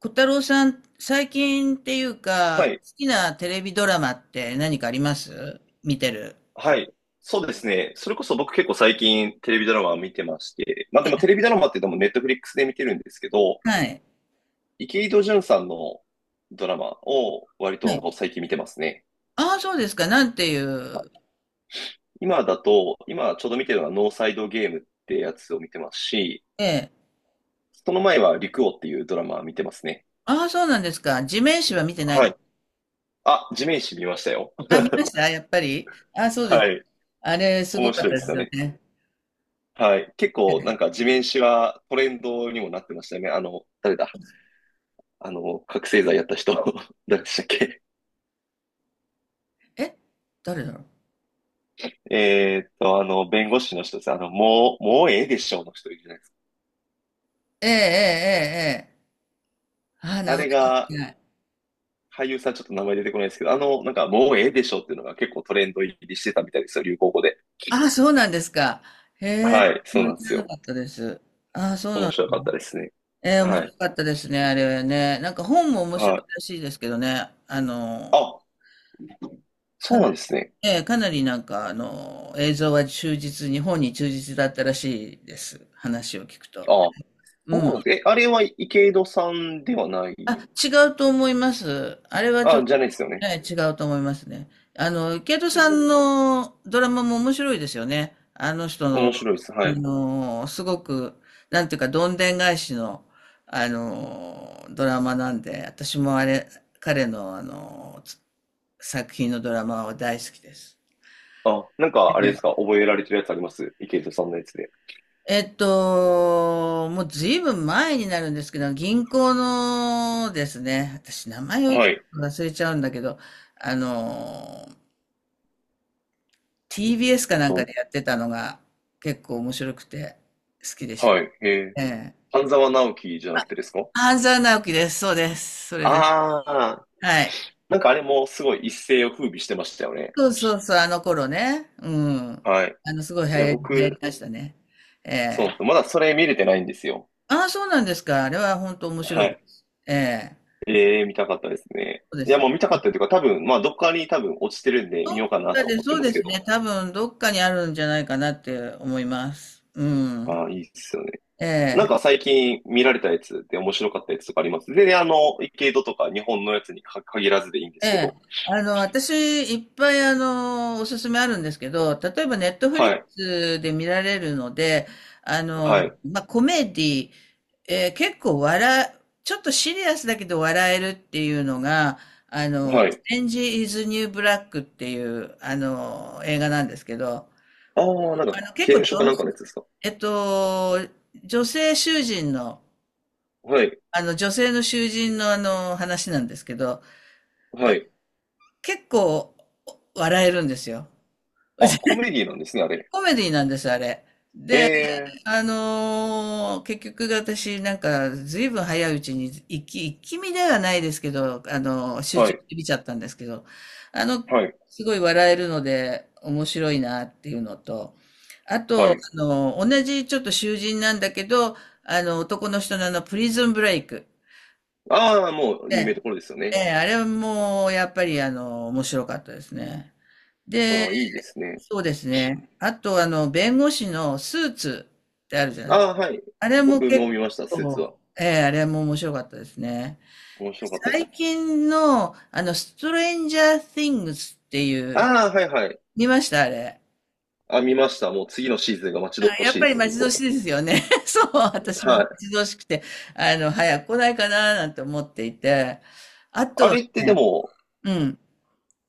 小太郎さん、最近っていうはか、い。好きなテレビドラマって何かあります、見てる？はい。そうですね。それこそ僕結構最近テレビドラマを見てまして、まあでえ、もテレビドラマってネットフリックスで見てるんですけど、はい。池井戸潤さんのドラマを割はとい。最近見てますね。ああ、そうですか。なんていう。今だと、今ちょうど見てるのはノーサイドゲームってやつを見てますし、ええ。その前は陸王っていうドラマ見てますね。ああ、そうなんですか。地面師は見てないはです。い。あ、地面師見ましたよ。あ、見ましたやっぱり。ああ、そうです。はい。あれ、すご面かっ白たいでですすよよね。ね。はい。結構なえ、んか地面師はトレンドにもなってましたよね。あの、誰だ。あの、覚醒剤やった人、誰でしたっけ。え、誰だろう。あの、弁護士の人です。あの、もうええでしょうの人いるじゃないですか。ええ、ええ、ええ。ああ、名あ前がれ出が、てない。俳優さんちょっと名前出てこないですけど、あの、なんか、もうええでしょうっていうのが結構トレンド入りしてたみたいですよ、流行語で。ああ、そうなんですか。へえ、はい、知そうらなんですなよ。かったです。ああ、そ面う。白かったですね。ええ、面はい、白かったですね、あれはね。なんか本も面白はいい。らしいですけどね。あ、そかうななり、んですね。ええ、かなりなんか映像は忠実に、本に忠実だったらしいです。話を聞くと。あ、そうん。うなんです。え、あれは池井戸さんではなあ、い。違うと思います。あれはちょっあ、と、じゃないですよね。ええ、違うと思いますね。ケイトうさん、んのドラマも面白いですよね。あの人の、面白いです。はい。すごく、なんていうか、どんでん返しの、ドラマなんで、私もあれ、彼の、作品のドラマは大好きです。あ、なんか、あれですか、覚えられてるやつあります池井戸さんのやつで。もうずいぶん前になるんですけど、銀行のですね、私名前をはい。忘れちゃうんだけど、あの、TBS かなんかと、でやってたのが結構面白くて好きでした。はい、えー、ええ。半沢直樹じゃなくてですか。半沢直樹です。そうです。それです。ああー、はい。なんかあれもすごい一世を風靡してましたよね。そうそうそう、あの頃ね。うん。はい。すごい流いや、行り、流行り僕、ましたね。えそうなんですよえ。まだそれ見れてないんですよ。ああ、そうなんですか。あれは本当面白はいでい。す。ええ。ええ、見たかったですね。そうでいすや、ね。もう見たかったというか、多分、まあ、どっかに多分落ちてるんで見どっようかなかとで、思ってそうまですすけど。ね、多分どっかにあるんじゃないかなって思います。うん。ああ、いいっすよね。えなんかえ、最近見られたやつで面白かったやつとかあります。で、あの、池戸とか日本のやつにか限らずでいいんでえすけえ。ど。私、いっぱい、おすすめあるんですけど、例えば、ネットフリッはクい、スで見られるので、あの、はい、まあ、コメディ、結構笑う、ちょっとシリアスだけど笑えるっていうのが、オはい。レンジ・イズ・ニュー・ブラックっていう、映画なんですけど、ああ、なんあかの、結刑務構所か女なんかのやつですか。えっと、女性囚人の、はい。女性の囚人のあの、話なんですけど、はい。結構笑えるんですよ。あ、コメ ディなんですね、あれ。コメディなんです、あれ。えで、え、結局私なんか随分早いうちに一気見ではないですけど、集は中しい、て見ちゃったんですけど、あの、はい、すごい笑えるので面白いなっていうのと、あはと、い。同じちょっと囚人なんだけど、男の人のあの、プリズンブレイク。ああ、もうえ有名え、どころですよえね。え、あれはもう、やっぱり、面白かったですね。で、ああ、いいですね。そうですね。あと、弁護士のスーツってあるじゃない、ああ、はい。あれも僕も結見ました、スーツは。構、ええ、あれも面白かったですね。面白かったです。最近の、ストレンジャー・シングスっていう、ああ、はい、はい。見ましたあれ。あ、見ました。もう次のシーズンが待ち遠あ、やしっいぱでりす、待本ち遠当。しいですよね。そう、私も待はい。ち遠しくて、早く来ないかななんて思っていて。あとあはれってでね、も、うん、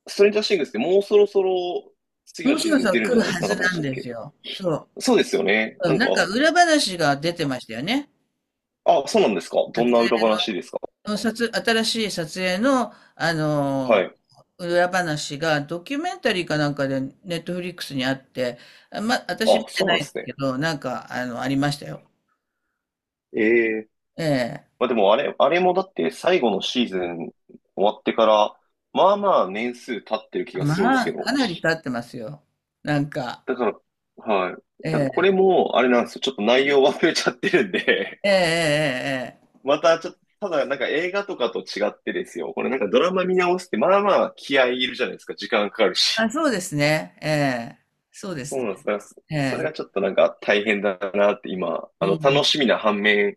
ストレンジャーシングスってもうそろそろ次ものうそシーろズそンろ出るん来じるゃはなかずったでしなんたっですけ。よ。そそうですよね。う。うなん、んなか、んか裏話が出てましたよね。あ、そうなんですか。撮どんな裏影話の、ですか。の撮、新しい撮影の、あはのい。裏話がドキュメンタリーかなんかでネットフリックスにあって、私あ、見てそうななんいんですだね。けど、なんか、ありましたよ。ええ、ええ。まあでもあれ、あれもだって最後のシーズン終わってから、まあまあ年数経ってる気がするんですまあ、けかど。なり経ってますよ。なんか、だから、はい。えだからこえ、れも、あれなんですよ。ちょっと内容忘れちゃってるんで。 ええ、ええ、え え。またちょっと、ただなんか映画とかと違ってですよ。これなんかドラマ見直すって、まあまあ気合いいるじゃないですか。時間かかるあ、し。そうですね。ええ、そうですそうね。なんです。だからそえそれえ、がちょっとなんか大変だなって今、うあの、ん、楽しみな反面、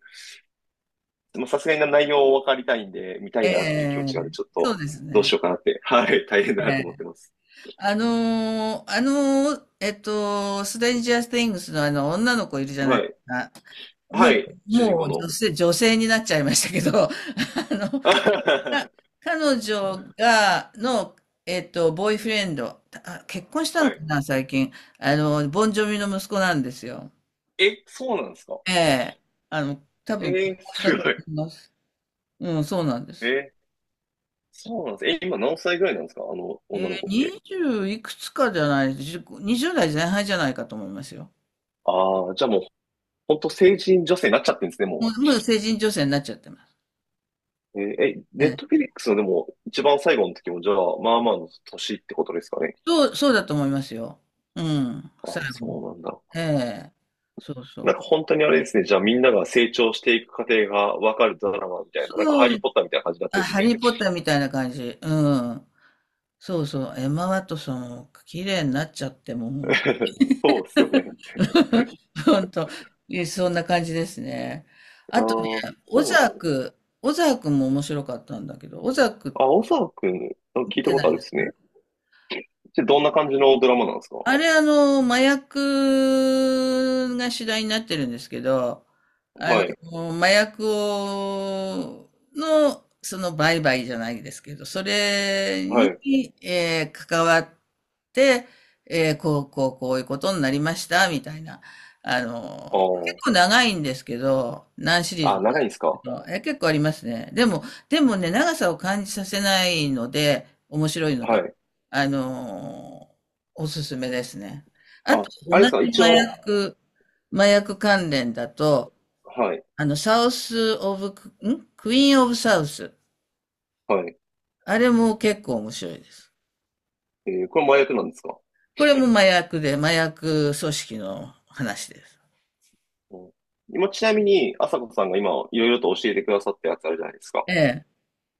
でもさすがに内容を分かりたいんで、見たえいなっていう気持え、ちがあって、ちょっとそうですどうしね。ようかなって、はい、大変だなとえ思ってえ、ます。あのーあのストレンジャー・テイングスのあの、女の子いるじゃないではすい。か。もはう、い。主人も公う女の。性、女性になっちゃいましたけど、あの、か彼女が、ボーイフレンド、あ、結婚したはのかい。な、最近。ボンジョビの息子なんですよ。え、そうなんですか。ええ。多え分、結婚ー、したすと思ごい。います。うん、そうなんでえす。ー、そうなんです。え、今何歳ぐらいなんですかあの、女の子って。20いくつかじゃない、10 2代前半じゃないかと思いますよ。ああ、じゃあもう、ほんと成人女性になっちゃってるんですね、ももう、もう成人女性になっちゃってます。う。えーえ、えネッえ、トフィリックスのでも、一番最後の時も、じゃあ、まあまあの年ってことですかね。そう、そうだと思いますよ。うん、あ最あ、後そうに。なんだ。ええ、そうそなんかう。本当にあれですね。じゃあみんなが成長していく過程がわかるドラマみたいな。なんかハそリーう、ポッターみたいな感じになっあ、てですハね。リー・ポッターみたいな感じ。うん。そうそう、エマ・ワトソンも綺麗になっちゃって、もうそうですよね。ほんと、そんな感じですね。あああ、とね、そオうなんでザーす。ク、オザークも面白かったんだけど、オザークあ、大沢くん、あ見聞いたてこなとあい？るですね。でどんな感じのドラマなんですか。あれ、麻薬が主題になってるんですけど、あはい、麻薬を、その売買じゃないですけど、それはに、い。関わって、こういうことになりました、みたいな。結あ構長いんですけど、何シリーあ、ズあ、もあ長るいんんでですすけか。ど、結構ありますね。でもね、長さを感じさせないので、面白いのはで。い。あのーおすすめですね。あと、あ、同あれですじか一麻応、薬、麻薬関連だと、はい、あの、サウス・オブ、んクイーン・オブ・サウス。はい。あれも結構面白いです。えーこれ麻薬なんですか。これも麻薬で、麻薬組織の話です。うん、今、ちなみに、朝子さんが今、いろいろと教えてくださったやつあるじゃないですか。ええ、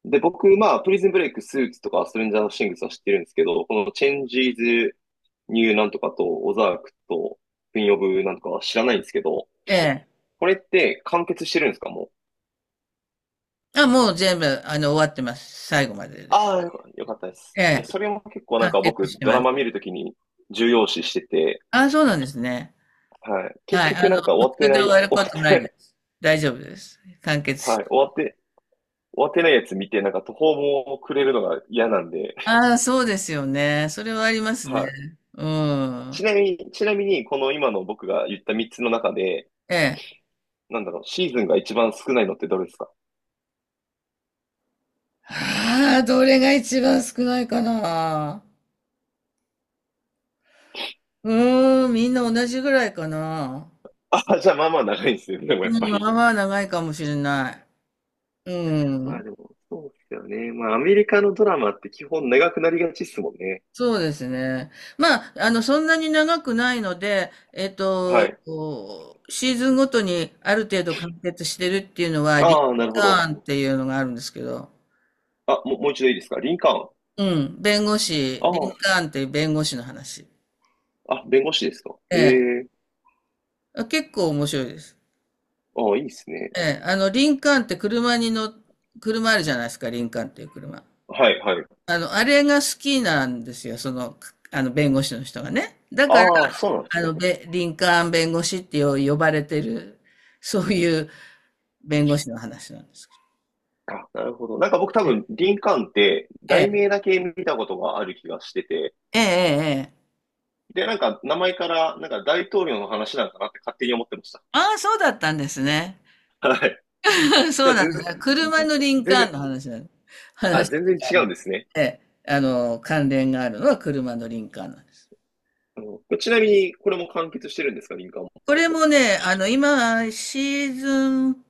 で、僕、まあ、プリズンブレイク、スーツとか、ストレンジャーシングスは知ってるんですけど、このチェンジーズ、ニューなんとかと、オザークと、クイーンオブなんとかは知らないんですけど、ええ。これって完結してるんですかもう。あ、もう全部、終わってます。最後までで。ああ、よかったです。えいや、え、それも結構な完んか結僕、してドまラす。マ見るときに重要視してて、あ、そうなんですね。はい。結はい。局なんか途終わって中でな終い、わ る終わことっなてないでい、す。大丈夫です。完結しはい。て。終わって、終わってないやつ見て、なんか途方もくれるのが嫌なんで、ああ、そうですよね。それはありますね。はい。うん。ちなみに、この今の僕が言った3つの中で、ええ。なんだろう、シーズンが一番少ないのってどれですか。 ああ、どれが一番少ないかな。うーん、みんな同じぐらいかな。あ、じゃあまあまあ長いんですよね、でもやっうん、ぱまあり。まあ長いかもしれない。うまあん。でも、そうですよね。まあアメリカのドラマって基本長くなりがちっすもんね。そうですね。まあ、そんなに長くないので、はい。こうシーズンごとにある程度完結してるっていうのは、リああ、ンなるほカど。ーンっていうのがあるんですけど、あ、もう一度いいですかリンカーン。うん、弁護士、あリンあ、カーンっていう弁護士の話。あ、弁護士ですか。ええ。あ、結構面白いです。ああ、いいですね。ええ、リンカーンって車に乗っ、車あるじゃないですか、リンカーンっていう車。はい、はい。あれが好きなんですよ、弁護士の人がね。だから、ああ、そうなんですね。リンカーン弁護士って呼ばれてる、そういう弁護士の話なんですけど。あ、なるほど。なんか僕多分、リンカーンって、題え名だけ見たことがある気がしてて、え、ええ、ええ。で、なんか、名前から、なんか大統領の話なんかなって勝手に思ってました。ああ、そうだったんですね。はい。じそうゃあ、なんです。車のリン全カーン然、の話なの。あ、話、全然違あうんの、ですね。ええ、関連があるのは車のリンカーンなんです。うん、ちなみに、これも完結してるんですか、リンカーンも。これもね、今、シーズン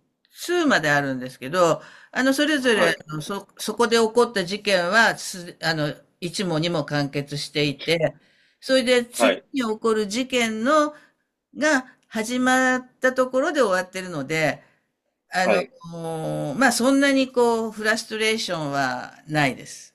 2まであるんですけど、それぞれ、はい、そこで起こった事件は、す、あの、1もにも完結していて、それでは次い、に起こる事件が始まったところで終わってるので、あはの、い。もうまあ、そんなにこう、フラストレーションはないです。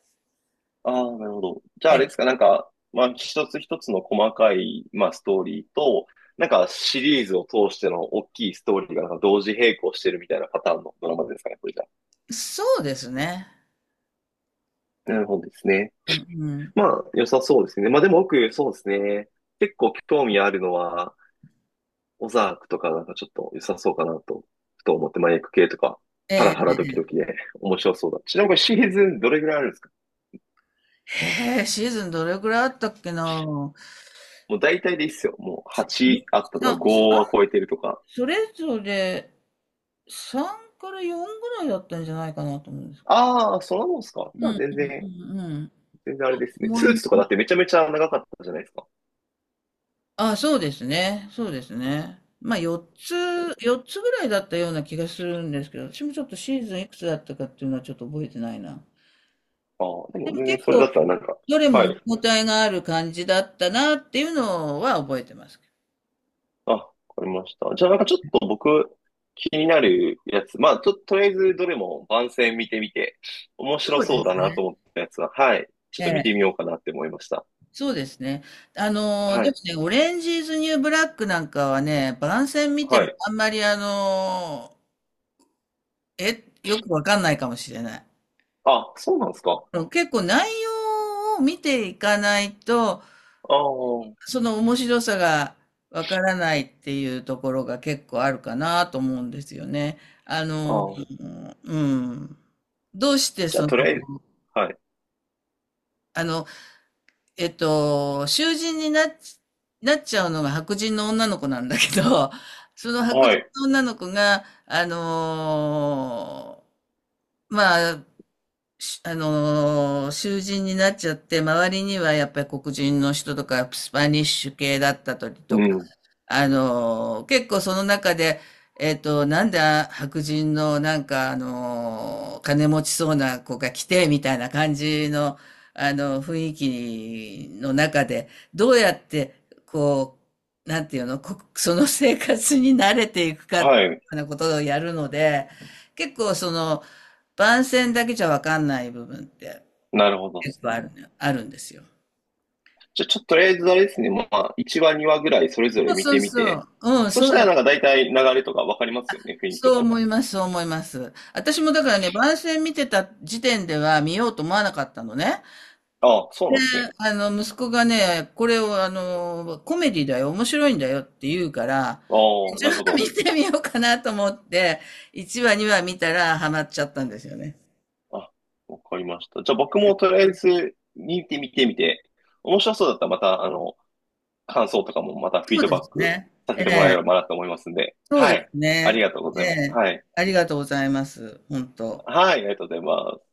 ああ、なるほど。じゃあ、あえ、れですか、なんか、まあ、一つ一つの細かい、まあ、ストーリーと、なんか、シリーズを通しての大きいストーリーが、なんか、同時並行してるみたいなパターンのドラマですかね、これじゃそうですね。あ。なるほどですね。うん、うん。まあ、良さそうですね。まあ、でも僕、そうですね。結構興味あるのは、オザークとか、なんかちょっと良さそうかなと、ふと思って、まあ、ク系とか、ハラえハラドえ。キドキで面白そうだ。ちなみにこれシーズンどれぐらいあるんですか。へえ、シーズンどれくらいあったっけな。もう大体でいいっすよ。もうに8あったとか、5 3は超えてるとか。それぞれ3から4ぐらいだったんじゃないかなと思うんですけど。ああ、そんなもんすか。うじんゃうあんうんうん。全然あれですね。思スーいツとかまだっす。てめちゃめちゃ長かったじゃないですか。あ、そうですね。そうですね。まあ4つぐらいだったような気がするんですけど、私もちょっとシーズンいくつだったかっていうのはちょっと覚えてないな。ああ、ででもも全結然それだ構、ったらなんか、どれはも見い。応えがある感じだったなっていうのは覚えてますけど。あ、わかりました。じゃあなんかちょっと僕、気になるやつ、まあ、とりあえずどれも番宣見てみて、面白そうでそうすだなね。と思ったやつは、はい。ちょっと見てみようかなって思いました。そうですね。はでもい。ね、オレンジーズニューブラックなんかはね、番宣見てはもい。あんまりよくわかんないかもしれない。あ、そうなんですか。結構内容を見ていかないと、ああ、その面白さがわからないっていうところが結構あるかなと思うんですよね。ああ。うん。どうしてじゃあとりあえず、はい。あの、囚人になっちゃうのが白人の女の子なんだけど、その白は人い。の女の子が、まあ、しあのー囚人になっちゃって、周りにはやっぱり黒人の人とか、スパニッシュ系だったりうとか、ん。結構その中で、なんで白人のなんか、金持ちそうな子が来て、みたいな感じの、雰囲気の中で、どうやって、こう、なんていうの、その生活に慣れていくかってはいうい。ようなことをやるので、結構その、番宣だけじゃわかんない部分ってなるほどで結す構あね。るね、あるんですよ。じゃあ、ちょっととりあえずあれですね、まあ、1話、2話ぐらいそれぞそれう見そてうみそて、う。うん、そそしうたらだ。なんか大体流れとかわかりますよね、雰囲気とそうかも。思います、そう思います。私もだからね、番宣見てた時点では見ようと思わなかったのね。ああ、そうで、なんですね。息子がね、これをコメディだよ、面白いんだよって言うから、ああ、じゃなるほあ見ど。てみようかなと思って、1話、2話見たらハマっちゃったんですよね。あ、わかりました。じゃあ、僕もとりあえず見てみてみて、面白そうだったらまた、あの、感想とかもまたフィそーうドでバッすクね。さえせてもらえ、えればなと思いますんで、そうはでい。すあね。りがとうごえざいます。え、はい。ありがとうございます。本当。はい、ありがとうございます。